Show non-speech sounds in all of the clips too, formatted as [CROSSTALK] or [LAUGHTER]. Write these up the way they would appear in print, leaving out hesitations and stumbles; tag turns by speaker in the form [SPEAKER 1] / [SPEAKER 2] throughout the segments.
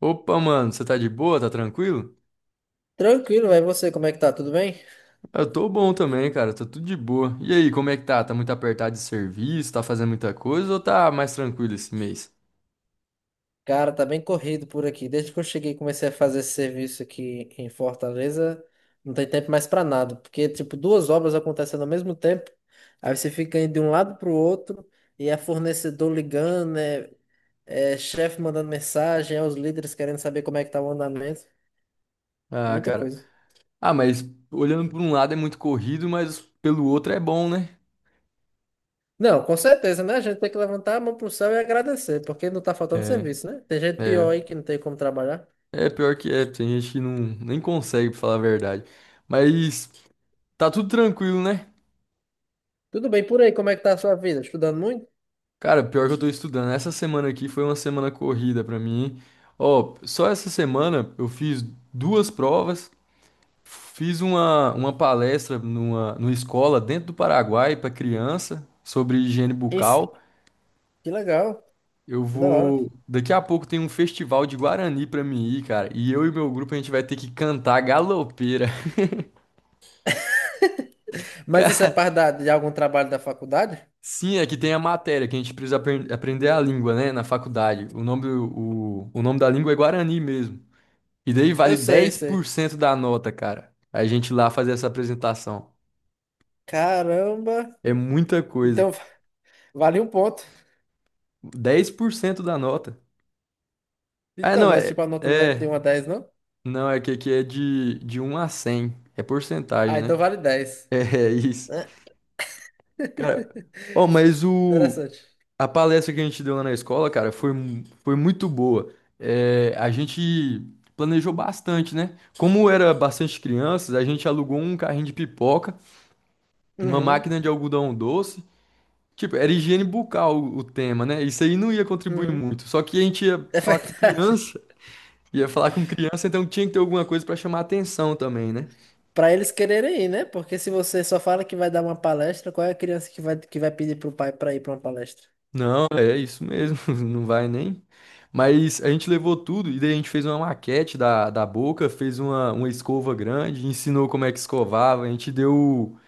[SPEAKER 1] Opa, mano, você tá de boa? Tá tranquilo?
[SPEAKER 2] Tranquilo, vai você, como é que tá? Tudo bem?
[SPEAKER 1] Eu tô bom também, cara, tô tudo de boa. E aí, como é que tá? Tá muito apertado de serviço? Tá fazendo muita coisa ou tá mais tranquilo esse mês?
[SPEAKER 2] Cara, tá bem corrido por aqui. Desde que eu cheguei e comecei a fazer esse serviço aqui em Fortaleza, não tem tempo mais pra nada, porque tipo duas obras acontecendo ao mesmo tempo, aí você fica indo de um lado pro outro e é fornecedor ligando, é chefe mandando mensagem, é os líderes querendo saber como é que tá o andamento,
[SPEAKER 1] Ah,
[SPEAKER 2] muita
[SPEAKER 1] cara.
[SPEAKER 2] coisa.
[SPEAKER 1] Ah, mas olhando por um lado é muito corrido, mas pelo outro é bom, né?
[SPEAKER 2] Não, com certeza, né? A gente tem que levantar a mão pro céu e agradecer, porque não tá faltando
[SPEAKER 1] É,
[SPEAKER 2] serviço, né? Tem gente pior
[SPEAKER 1] é.
[SPEAKER 2] aí que não tem como trabalhar.
[SPEAKER 1] É pior que é, tem gente que não, nem consegue, pra falar a verdade. Mas tá tudo tranquilo, né?
[SPEAKER 2] Tudo bem por aí, como é que tá a sua vida? Estudando muito?
[SPEAKER 1] Cara, pior que eu tô estudando. Essa semana aqui foi uma semana corrida pra mim, hein? Ó, só essa semana eu fiz duas provas. Fiz uma palestra numa escola dentro do Paraguai para criança sobre higiene
[SPEAKER 2] Isso,
[SPEAKER 1] bucal.
[SPEAKER 2] que legal,
[SPEAKER 1] Eu
[SPEAKER 2] que da hora.
[SPEAKER 1] vou. Daqui a pouco tem um festival de Guarani para mim ir, cara. E eu e meu grupo a gente vai ter que cantar galopeira. [LAUGHS]
[SPEAKER 2] Mas isso é
[SPEAKER 1] Cara,
[SPEAKER 2] parte de algum trabalho da faculdade?
[SPEAKER 1] sim, é que tem a matéria que a gente precisa aprender a língua, né, na faculdade. O nome, o nome da língua é Guarani mesmo. E daí
[SPEAKER 2] Eu
[SPEAKER 1] vale
[SPEAKER 2] sei,
[SPEAKER 1] dez por
[SPEAKER 2] sei.
[SPEAKER 1] cento da nota, cara. A gente lá fazer essa apresentação.
[SPEAKER 2] Caramba!
[SPEAKER 1] É muita coisa.
[SPEAKER 2] Então, [LAUGHS] vale um ponto.
[SPEAKER 1] 10% da nota. Ah,
[SPEAKER 2] Então,
[SPEAKER 1] não,
[SPEAKER 2] mas tipo,
[SPEAKER 1] é.
[SPEAKER 2] a nota não é de
[SPEAKER 1] É.
[SPEAKER 2] 1 a 10, não?
[SPEAKER 1] Não, é que aqui é de 1 a 100, é
[SPEAKER 2] Ah,
[SPEAKER 1] porcentagem, né?
[SPEAKER 2] então
[SPEAKER 1] [LAUGHS]
[SPEAKER 2] vale dez,
[SPEAKER 1] É, é isso.
[SPEAKER 2] né?
[SPEAKER 1] Cara,
[SPEAKER 2] [LAUGHS]
[SPEAKER 1] ó, mas o.
[SPEAKER 2] Interessante.
[SPEAKER 1] A palestra que a gente deu lá na escola, cara, foi, foi muito boa. É, a gente planejou bastante, né? Como era bastante crianças, a gente alugou um carrinho de pipoca, uma
[SPEAKER 2] Uhum,
[SPEAKER 1] máquina de algodão doce. Tipo, era higiene bucal o tema, né? Isso aí não ia contribuir
[SPEAKER 2] uhum.
[SPEAKER 1] muito. Só que a gente ia
[SPEAKER 2] É
[SPEAKER 1] falar com
[SPEAKER 2] verdade.
[SPEAKER 1] criança, ia falar com criança, então tinha que ter alguma coisa pra chamar atenção também, né?
[SPEAKER 2] Pra eles quererem ir, né? Porque se você só fala que vai dar uma palestra, qual é a criança que vai pedir pro pai pra ir pra uma palestra?
[SPEAKER 1] Não, é isso mesmo, [LAUGHS] não vai nem. Mas a gente levou tudo e daí a gente fez uma maquete da boca, fez uma escova grande, ensinou como é que escovava, a gente deu,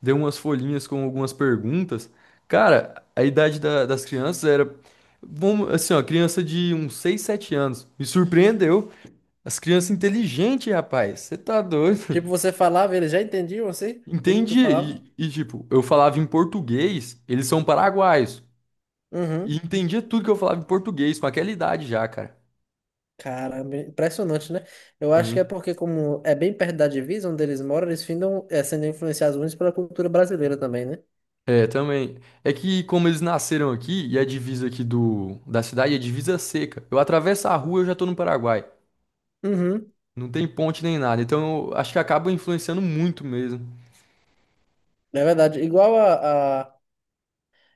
[SPEAKER 1] deu umas folhinhas com algumas perguntas. Cara, a idade das crianças era, vamos, assim, ó, criança de uns 6, 7 anos. Me surpreendeu. As crianças inteligentes, rapaz, você tá
[SPEAKER 2] Tipo,
[SPEAKER 1] doido?
[SPEAKER 2] você falava, eles já entendiam
[SPEAKER 1] [LAUGHS]
[SPEAKER 2] assim? Tudo que tu
[SPEAKER 1] Entendi.
[SPEAKER 2] falava?
[SPEAKER 1] Tipo, eu falava em português, eles são paraguaios. E
[SPEAKER 2] Uhum.
[SPEAKER 1] entendia tudo que eu falava em português, com aquela idade já, cara.
[SPEAKER 2] Caramba, impressionante, né? Eu acho que é
[SPEAKER 1] Hum.
[SPEAKER 2] porque, como é bem perto da divisa onde eles moram, eles findam sendo influenciados muito pela cultura brasileira também, né?
[SPEAKER 1] É, também. É que como eles nasceram aqui, e a divisa aqui da cidade é divisa seca. Eu atravesso a rua, e eu já tô no Paraguai.
[SPEAKER 2] Uhum,
[SPEAKER 1] Não tem ponte nem nada. Então eu acho que acaba influenciando muito mesmo.
[SPEAKER 2] é verdade.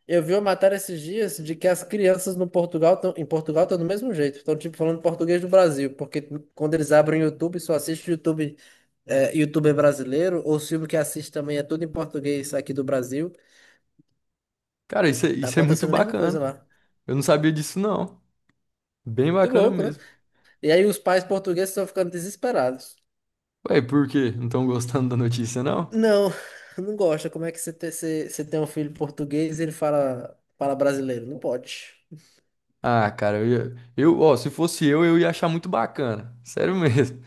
[SPEAKER 2] Eu vi uma matéria esses dias de que as crianças no Portugal tão, em Portugal estão do mesmo jeito. Estão, tipo, falando português do Brasil. Porque quando eles abrem o YouTube, só YouTuber brasileiro. Ou o filme que assiste também é tudo em português aqui do Brasil.
[SPEAKER 1] Cara,
[SPEAKER 2] Tá
[SPEAKER 1] isso é muito
[SPEAKER 2] acontecendo a mesma coisa
[SPEAKER 1] bacana.
[SPEAKER 2] lá.
[SPEAKER 1] Eu não sabia disso, não. Bem
[SPEAKER 2] Muito
[SPEAKER 1] bacana
[SPEAKER 2] louco, né?
[SPEAKER 1] mesmo.
[SPEAKER 2] E aí os pais portugueses estão ficando desesperados.
[SPEAKER 1] Ué, por quê? Não estão gostando da notícia, não?
[SPEAKER 2] Não, [LAUGHS] não gosta. Como é que você tem um filho português e ele fala brasileiro? Não pode.
[SPEAKER 1] Ah, cara, eu, ó, se fosse eu ia achar muito bacana. Sério mesmo.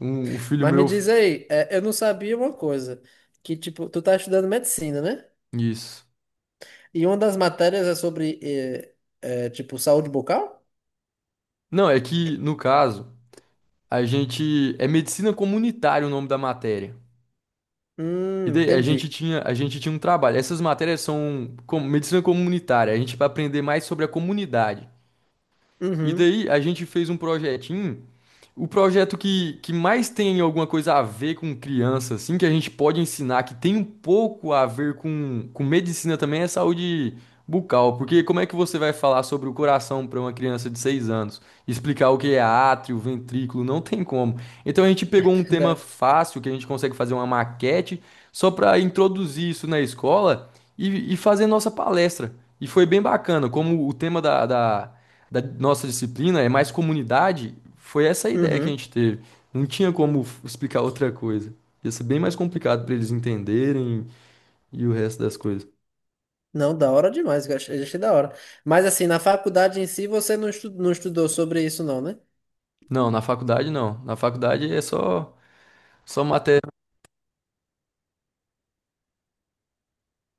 [SPEAKER 1] Um filho
[SPEAKER 2] Mas me
[SPEAKER 1] meu.
[SPEAKER 2] diz aí, eu não sabia uma coisa, que tipo, tu tá estudando medicina, né?
[SPEAKER 1] Isso.
[SPEAKER 2] E uma das matérias é sobre, tipo, saúde bucal?
[SPEAKER 1] Não, é que, no caso, a gente. É medicina comunitária o nome da matéria. E daí
[SPEAKER 2] Entendi.
[SPEAKER 1] a gente tinha um trabalho. Essas matérias são como medicina comunitária. A gente vai aprender mais sobre a comunidade. E
[SPEAKER 2] Uhum,
[SPEAKER 1] daí a gente fez um projetinho. O projeto que mais tem alguma coisa a ver com criança, assim, que a gente pode ensinar, que tem um pouco a ver com medicina também, é saúde bucal. Porque como é que você vai falar sobre o coração para uma criança de 6 anos? Explicar o que é átrio, ventrículo, não tem como. Então a gente pegou um
[SPEAKER 2] [LAUGHS]
[SPEAKER 1] tema
[SPEAKER 2] verdade.
[SPEAKER 1] fácil, que a gente consegue fazer uma maquete, só para introduzir isso na escola e fazer nossa palestra. E foi bem bacana, como o tema da nossa disciplina é mais comunidade, foi essa a ideia que a
[SPEAKER 2] Uhum.
[SPEAKER 1] gente teve. Não tinha como explicar outra coisa. Ia ser bem mais complicado para eles entenderem e o resto das coisas.
[SPEAKER 2] Não, da hora demais, eu achei, achei da hora. Mas assim, na faculdade em si, você não estudou sobre isso não, né?
[SPEAKER 1] Não, na faculdade não. Na faculdade é só só matéria.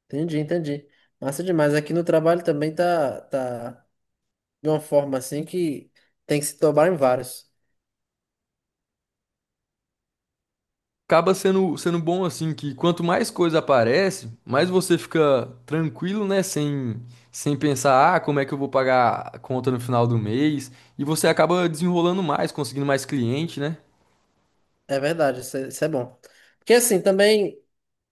[SPEAKER 2] Entendi, entendi. Massa demais. Aqui no trabalho também tá de uma forma assim que tem que se tomar em vários.
[SPEAKER 1] Acaba sendo bom assim que quanto mais coisa aparece, mais você fica tranquilo, né, sem sem pensar, ah, como é que eu vou pagar a conta no final do mês? E você acaba desenrolando mais, conseguindo mais cliente, né?
[SPEAKER 2] É verdade, isso é bom. Porque assim, também...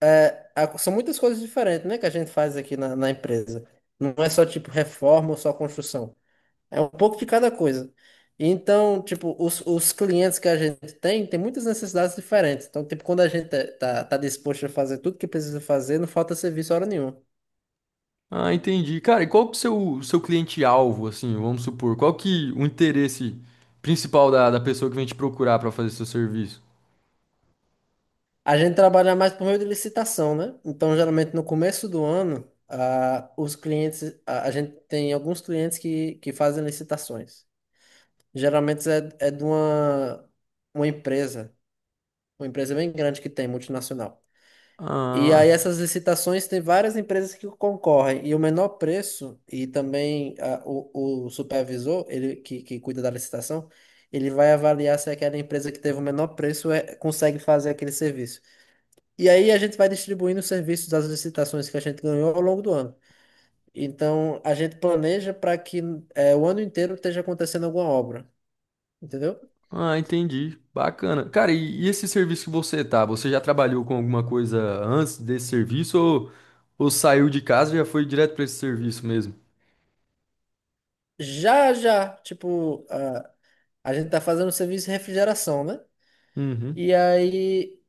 [SPEAKER 2] é, são muitas coisas diferentes, né, que a gente faz aqui na empresa. Não é só tipo reforma ou só construção. É um pouco de cada coisa. E então, tipo, os clientes que a gente tem muitas necessidades diferentes. Então, tipo, quando a gente tá disposto a fazer tudo que precisa fazer, não falta serviço hora nenhuma.
[SPEAKER 1] Ah, entendi. Cara, e qual que é o seu, seu cliente-alvo, assim, vamos supor? Qual que o interesse principal da pessoa que vem te procurar para fazer seu serviço?
[SPEAKER 2] A gente trabalha mais por meio de licitação, né? Então, geralmente no começo do ano, ah, os clientes, a gente tem alguns clientes que fazem licitações. Geralmente é de uma empresa uma empresa bem grande que tem, multinacional. E aí
[SPEAKER 1] Ah,
[SPEAKER 2] essas licitações tem várias empresas que concorrem e o menor preço e também o supervisor, ele que cuida da licitação, ele vai avaliar se aquela empresa que teve o menor preço consegue fazer aquele serviço. E aí a gente vai distribuindo os serviços das licitações que a gente ganhou ao longo do ano. Então a gente planeja para que o ano inteiro esteja acontecendo alguma obra, entendeu?
[SPEAKER 1] ah, entendi. Bacana. Cara, e esse serviço que você tá, você já trabalhou com alguma coisa antes desse serviço ou saiu de casa e já foi direto para esse serviço mesmo?
[SPEAKER 2] Já, já, tipo, a gente tá fazendo o serviço de refrigeração, né?
[SPEAKER 1] Uhum.
[SPEAKER 2] E aí,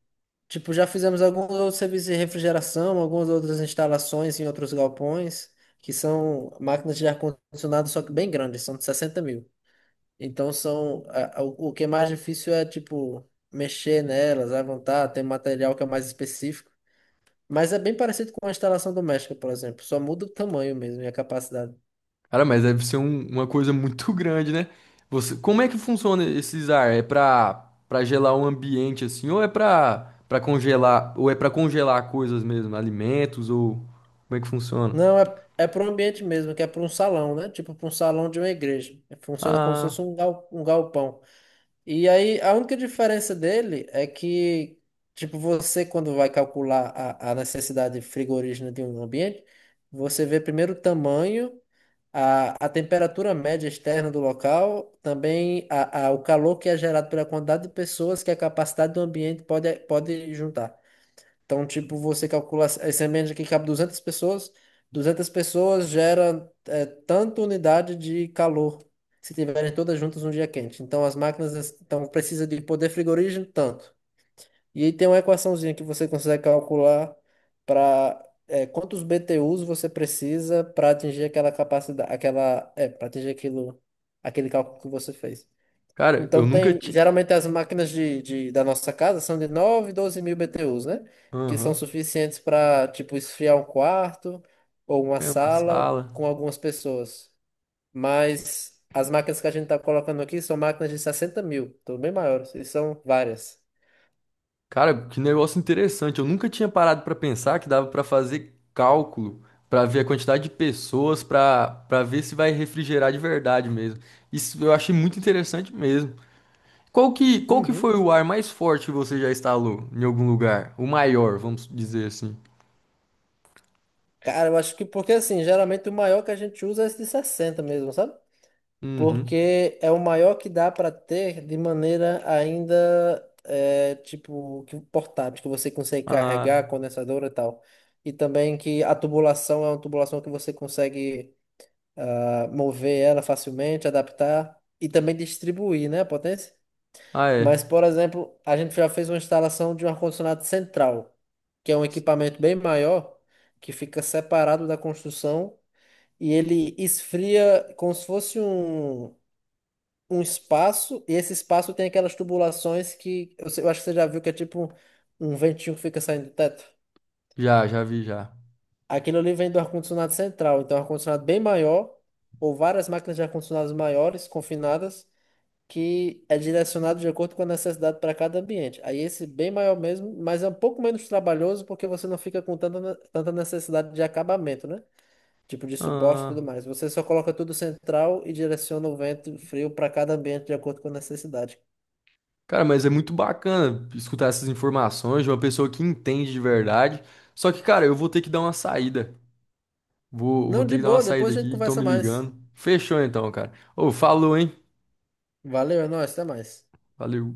[SPEAKER 2] tipo, já fizemos alguns outros serviços de refrigeração, algumas outras instalações em outros galpões, que são máquinas de ar-condicionado, só que bem grandes, são de 60 mil. Então, são, o que é mais difícil é, tipo, mexer nelas, levantar, tem material que é mais específico. Mas é bem parecido com a instalação doméstica, por exemplo, só muda o tamanho mesmo e a capacidade.
[SPEAKER 1] Cara, mas deve ser uma coisa muito [LAUGHS] grande, né? Você, como é que funciona esses ar? É pra gelar um ambiente assim, ou é pra congelar, ou é pra congelar coisas mesmo, alimentos, ou como é que funciona?
[SPEAKER 2] Não, é para o ambiente mesmo, que é para um salão, né? Tipo, para um salão de uma igreja. Funciona como se
[SPEAKER 1] Ah,
[SPEAKER 2] fosse um galpão. E aí, a única diferença dele é que, tipo, você quando vai calcular a necessidade frigorígena de um ambiente, você vê primeiro o tamanho, a temperatura média externa do local, também o calor que é gerado pela quantidade de pessoas que a capacidade do ambiente pode juntar. Então, tipo, você calcula esse ambiente aqui que cabe 200 pessoas, 200 pessoas gera tanta unidade de calor se tiverem todas juntas um dia quente. Então, as máquinas então, precisa de poder frigorígeno tanto. E aí tem uma equaçãozinha que você consegue calcular para quantos BTUs você precisa para atingir aquela capacidade, para atingir aquilo, aquele cálculo que você fez.
[SPEAKER 1] cara, eu
[SPEAKER 2] Então
[SPEAKER 1] nunca
[SPEAKER 2] tem,
[SPEAKER 1] tinha.
[SPEAKER 2] geralmente as máquinas da nossa casa são de 9 12 mil BTUs, né? Que são
[SPEAKER 1] Aham,
[SPEAKER 2] suficientes para, tipo, esfriar um quarto ou uma
[SPEAKER 1] é uma
[SPEAKER 2] sala
[SPEAKER 1] sala.
[SPEAKER 2] com algumas pessoas. Mas as máquinas que a gente tá colocando aqui são máquinas de 60 mil, então bem maiores, e são várias.
[SPEAKER 1] Cara, que negócio interessante. Eu nunca tinha parado pra pensar que dava pra fazer cálculo, pra ver a quantidade de pessoas, pra para ver se vai refrigerar de verdade mesmo. Isso eu achei muito interessante mesmo. Qual que foi
[SPEAKER 2] Uhum.
[SPEAKER 1] o ar mais forte que você já instalou em algum lugar? O maior, vamos dizer assim.
[SPEAKER 2] Cara, eu acho que porque assim, geralmente o maior que a gente usa é esse de 60 mesmo, sabe?
[SPEAKER 1] Uhum.
[SPEAKER 2] Porque é o maior que dá para ter de maneira ainda tipo que portátil, que você consegue
[SPEAKER 1] Ah,
[SPEAKER 2] carregar, condensadora e tal. E também que a tubulação é uma tubulação que você consegue mover ela facilmente, adaptar e também distribuir, né, a potência.
[SPEAKER 1] ah,
[SPEAKER 2] Mas,
[SPEAKER 1] é.
[SPEAKER 2] por exemplo, a gente já fez uma instalação de um ar-condicionado central, que é um equipamento bem maior, que fica separado da construção e ele esfria como se fosse um espaço, e esse espaço tem aquelas tubulações que eu acho que você já viu que é tipo um ventinho que fica saindo do teto.
[SPEAKER 1] Já, já vi, já.
[SPEAKER 2] Aquilo ali vem do ar-condicionado central, então é um ar-condicionado bem maior, ou várias máquinas de ar-condicionados maiores, confinadas, que é direcionado de acordo com a necessidade para cada ambiente. Aí esse bem maior mesmo, mas é um pouco menos trabalhoso porque você não fica com tanta, tanta necessidade de acabamento, né? Tipo de suporte e tudo
[SPEAKER 1] Ah,
[SPEAKER 2] mais. Você só coloca tudo central e direciona o vento frio para cada ambiente de acordo com a necessidade.
[SPEAKER 1] cara, mas é muito bacana escutar essas informações de uma pessoa que entende de verdade. Só que, cara, eu vou ter que dar uma saída. Vou, vou
[SPEAKER 2] Não,
[SPEAKER 1] ter
[SPEAKER 2] de
[SPEAKER 1] que dar uma
[SPEAKER 2] boa,
[SPEAKER 1] saída
[SPEAKER 2] depois a gente
[SPEAKER 1] aqui, estão
[SPEAKER 2] conversa
[SPEAKER 1] me
[SPEAKER 2] mais.
[SPEAKER 1] ligando. Fechou então, cara. Ô, falou, hein?
[SPEAKER 2] Valeu, é nóis, até mais.
[SPEAKER 1] Valeu.